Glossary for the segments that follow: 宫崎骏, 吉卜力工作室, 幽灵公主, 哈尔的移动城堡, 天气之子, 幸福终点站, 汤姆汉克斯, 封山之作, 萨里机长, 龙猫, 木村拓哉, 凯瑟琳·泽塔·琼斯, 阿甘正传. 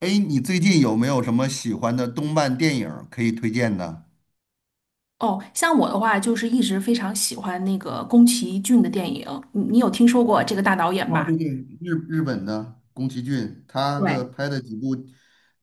哎，你最近有没有什么喜欢的动漫电影儿可以推荐的？哦，像我的话，就是一直非常喜欢那个宫崎骏的电影，你有听说过这个大导演哦，吧？对对，日本的宫崎骏，他的对，拍的几部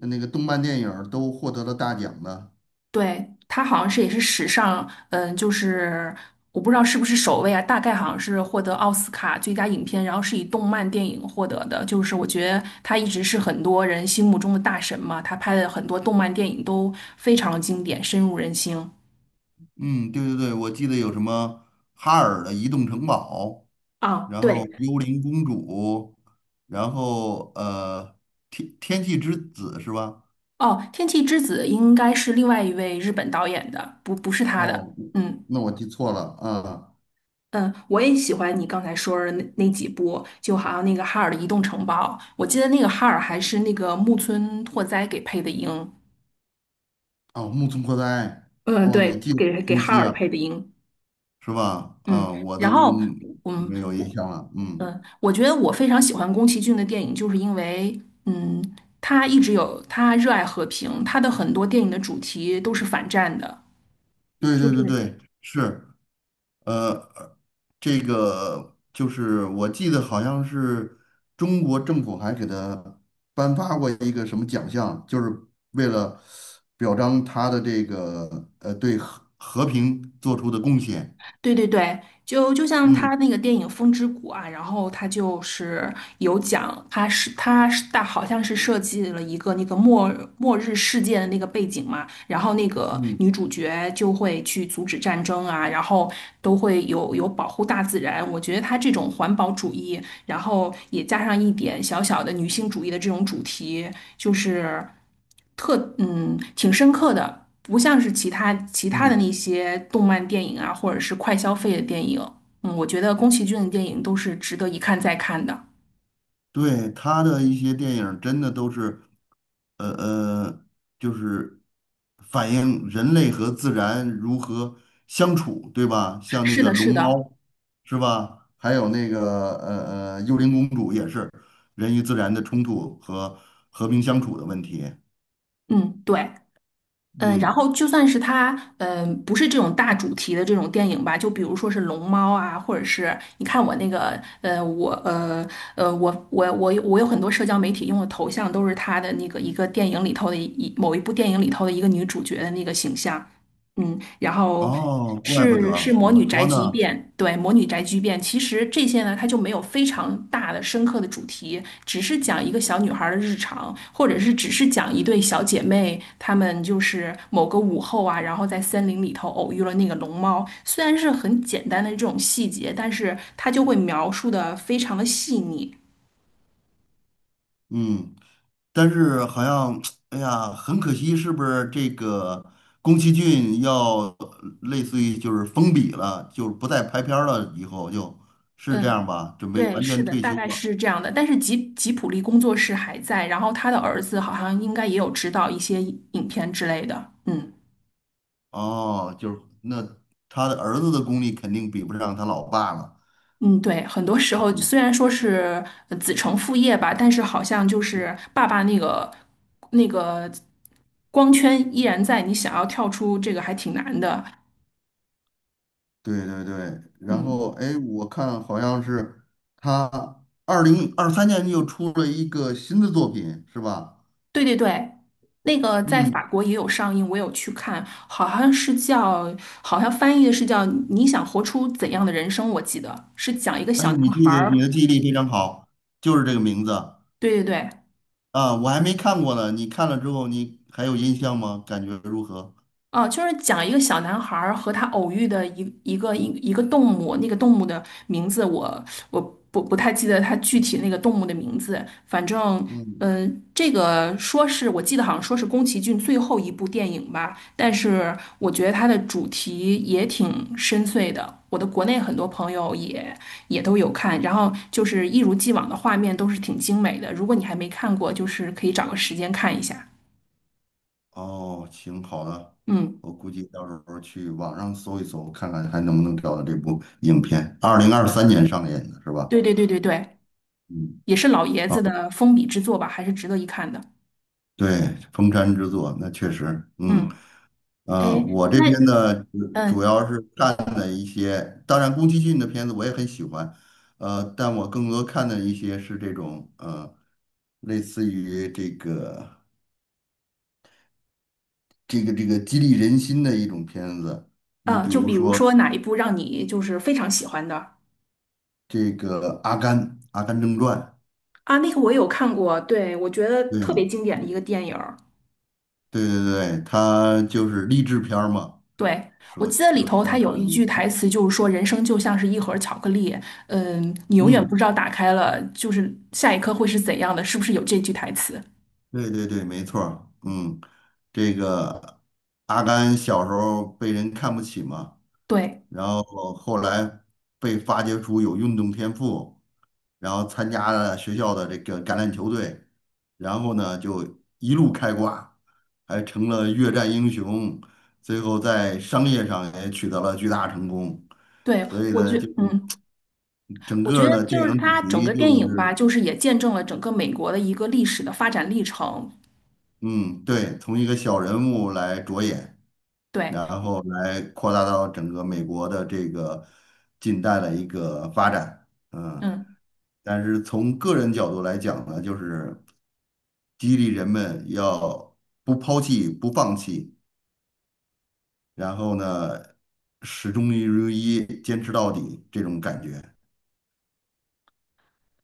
那个动漫电影儿都获得了大奖的。对，他好像是也是史上，嗯，就是我不知道是不是首位啊，大概好像是获得奥斯卡最佳影片，然后是以动漫电影获得的。就是我觉得他一直是很多人心目中的大神嘛，他拍的很多动漫电影都非常经典，深入人心。嗯，对对对，我记得有什么哈尔的移动城堡，啊，然后对，幽灵公主，然后天气之子是吧？哦，《天气之子》应该是另外一位日本导演的，不是他的。哦，嗯。那我记错了啊。嗯，我也喜欢你刚才说的那几部，就好像那个哈尔的《移动城堡》，我记得那个哈尔还是那个木村拓哉给配的音。哦，木村拓哉，嗯，哦，你对，记得很给清哈晰尔啊。配的音。是吧？嗯，啊，我然都后嗯，没有印我象了。嗯，我觉得我非常喜欢宫崎骏的电影，就是因为嗯，他一直有他热爱和平，他的很多电影的主题都是反战的。对就对对是对，是，呃，这个就是我记得好像是中国政府还给他颁发过一个什么奖项，就是为了表彰他的这个对和平做出的贡献。对对对，就像嗯他那个电影《风之谷》啊，然后他就是有讲，他好像是设计了一个那个末日世界的那个背景嘛，然后那个嗯女主角就会去阻止战争啊，然后都会有保护大自然。我觉得他这种环保主义，然后也加上一点小小的女性主义的这种主题，就是。挺深刻的，不像是其他的那嗯。些动漫电影啊，或者是快消费的电影。嗯，我觉得宫崎骏的电影都是值得一看再看的。对，他的一些电影真的都是，呃呃，就是反映人类和自然如何相处，对吧？像那是个的，龙是的，猫，是吧？还有那个幽灵公主也是人与自然的冲突和和平相处的问题。嗯，对，嗯，然嗯，后就算是他，嗯，不是这种大主题的这种电影吧，就比如说是龙猫啊，或者是你看我那个，我有很多社交媒体用的头像都是他的那个一个电影里头的某一部电影里头的一个女主角的那个形象。嗯，然后哦，怪不是得魔我女宅说急呢，便，对，魔女宅急便。其实这些呢，它就没有非常大的深刻的主题，只是讲一个小女孩儿的日常，或者是只是讲一对小姐妹，她们就是某个午后啊，然后在森林里头偶遇了那个龙猫。虽然是很简单的这种细节，但是它就会描述的非常的细腻。嗯，但是好像，哎呀，很可惜，是不是这个宫崎骏要类似于就是封笔了，就是不再拍片儿了，以后就是这嗯。样吧，准备对，完是全的，退大休概了。是这样的。但是吉普力工作室还在，然后他的儿子好像应该也有指导一些影片之类的。嗯哦，就是那他的儿子的功力肯定比不上他老爸了。嗯，对，很多时候嗯，虽然说是子承父业吧，但是好像就是爸爸那个光圈依然在，你想要跳出这个还挺难的。对对对。然后，嗯。哎，我看好像是他二零二三年又出了一个新的作品，是吧？对对对，那个在法嗯，国也有上映，我有去看，好像是叫，好像翻译的是叫《你想活出怎样的人生》，我记得是讲一个哎，小男你记孩得你儿，的记忆力非常好，就是这个名字对对对，啊，我还没看过呢。你看了之后，你还有印象吗？感觉如何？哦，就是讲一个小男孩儿和他偶遇的一个动物，那个动物的名字我不太记得它具体那个动物的名字，反正嗯，这个说是我记得好像说是宫崎骏最后一部电影吧，但是我觉得它的主题也挺深邃的，我的国内很多朋友也都有看，然后就是一如既往的画面都是挺精美的，如果你还没看过，就是可以找个时间看一下。哦，行，好的，嗯，我估计到时候去网上搜一搜，看看还能不能找到这部影片。二零二三年上映的是吧？对对对对对。嗯，也是老爷啊，子的封笔之作吧，还是值得一看的。对，《封山之作》那确实，嗯。嗯，哎，嗯，我这边那呢，主主嗯要是看的一些，当然宫崎骏的片子我也很喜欢，但我更多看的一些是这种，类似于这个激励人心的一种片子。你啊，比就如比如说说哪一部让你就是非常喜欢的？这个《阿甘正传》，啊，那个我也有看过，对，我觉得特别对经典的一个电影儿。对对对，它就是励志片儿嘛，对，我说记得里就是头它相有当一句于，台词，就是说人生就像是一盒巧克力，嗯，你永远不嗯。知道打开了就是下一刻会是怎样的，是不是有这句台词？对对对，没错儿嗯，这个阿甘小时候被人看不起嘛，对。然后后来被发掘出有运动天赋，然后参加了学校的这个橄榄球队，然后呢就一路开挂，还成了越战英雄，最后在商业上也取得了巨大成功，对，所以呢，就整我个觉得儿呢电就是影主它整题个就电影吧，是，就是也见证了整个美国的一个历史的发展历程。嗯，对，从一个小人物来着眼。对，然后来扩大到整个美国的这个近代的一个发展，嗯，嗯，但是从个人角度来讲呢，就是激励人们要不抛弃、不放弃，然后呢，始终如一，坚持到底这种感觉。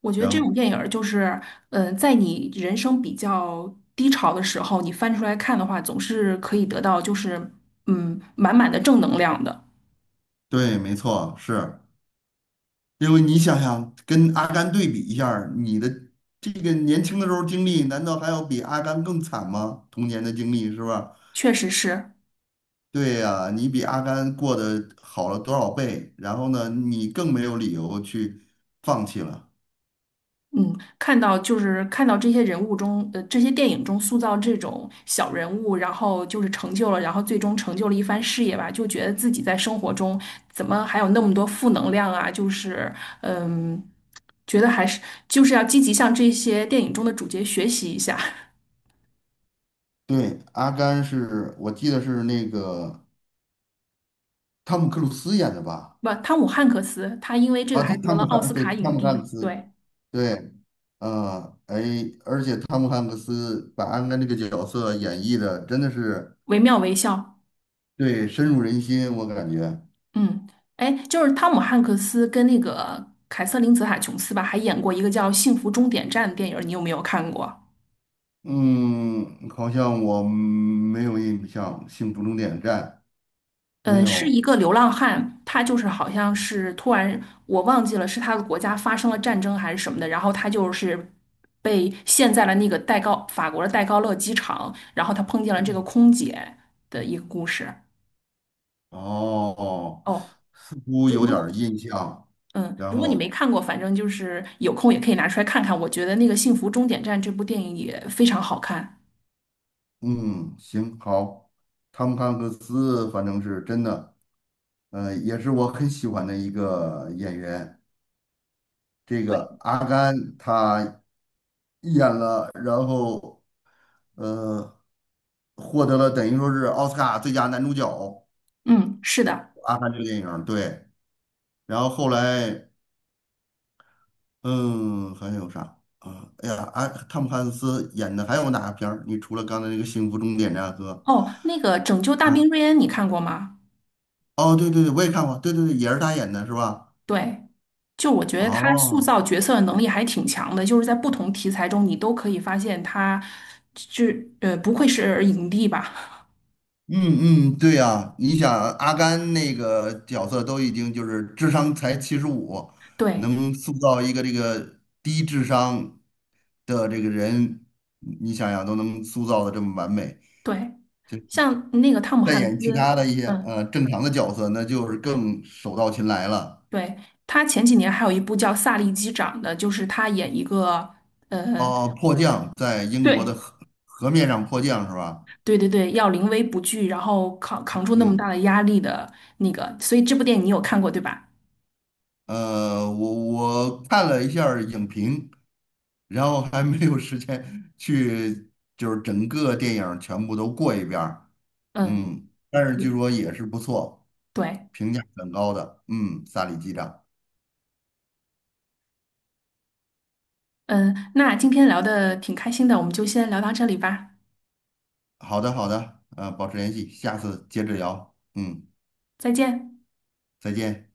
我觉得然这种后，电影儿就是，嗯，在你人生比较低潮的时候，你翻出来看的话，总是可以得到就是，嗯，满满的正能量的。对，没错，是因为你想想，跟阿甘对比一下儿你的这个年轻的时候经历，难道还要比阿甘更惨吗？童年的经历是吧？确实是，对呀，你比阿甘过得好了多少倍？然后呢，你更没有理由去放弃了。嗯，看到这些人物中，这些电影中塑造这种小人物，然后就是成就了，然后最终成就了一番事业吧，就觉得自己在生活中怎么还有那么多负能量啊？就是，嗯，觉得还是就是要积极向这些电影中的主角学习一下。对，阿甘是我记得是那个汤姆克鲁斯演的吧？不，汤姆汉克斯，他因为这啊，个还他得汤了姆奥汉斯对卡汤影姆汉克帝，斯对，对，嗯，哎，而且汤姆汉克斯把阿甘这个角色演绎的真的是惟妙惟肖。对深入人心，我感觉。嗯，哎，就是汤姆汉克斯跟那个凯瑟琳·泽塔·琼斯吧，还演过一个叫《幸福终点站》的电影儿，你有没有看过？嗯，好像我没有印象，《幸福终点站》没嗯，是一有。个流浪汉，他就是好像是突然我忘记了是他的国家发生了战争还是什么的，然后他就是被陷在了那个法国的戴高乐机场，然后他碰见了这个空姐的一个故事。哦，哦，似乎如有如点儿果印象。嗯，然如果你后，没看过，反正就是有空也可以拿出来看看。我觉得那个《幸福终点站》这部电影也非常好看。嗯，行，好，汤姆汉克斯反正是真的，也是我很喜欢的一个演员。这对，个阿甘他演了，呃，获得了等于说是奥斯卡最佳男主角。嗯，是的。阿甘这个电影儿对。然后后来嗯，还有啥啊？哎呀，啊，汤姆汉克斯演的还有哪个片儿？你除了刚才那个《幸福终点站》和哦，那个《拯救大啊，兵瑞恩》你看过吗？哦，对对对，我也看过，对对对，也是他演的是吧？对，就我觉得他塑哦，造角色的能力还挺强的，就是在不同题材中，你都可以发现他是不愧是影帝吧？嗯嗯，对呀，你想阿甘那个角色都已经就是智商才75，对能塑造一个这个低智商的这个人，你想想都能塑造的这么完美，对，像那个汤姆再汉演其他斯，的一些嗯，正常的角色，那就是更手到擒来了。对，他前几年还有一部叫《萨利机长》的，就是他演一个呃。哦，迫降在英国对，的河面上迫降是吧？对对对，要临危不惧，然后扛住那么大嗯，的压力的那个，所以这部电影你有看过对吧？我看了一下儿影评，然后还没有时间去，就是整个电影儿全部都过一遍儿嗯，嗯，但是据你说也是不错，对，评价很高的。嗯，萨里机长。嗯，那今天聊的挺开心的，我们就先聊到这里吧，好的，好的，保持联系，下次接着聊。嗯，再见。再见。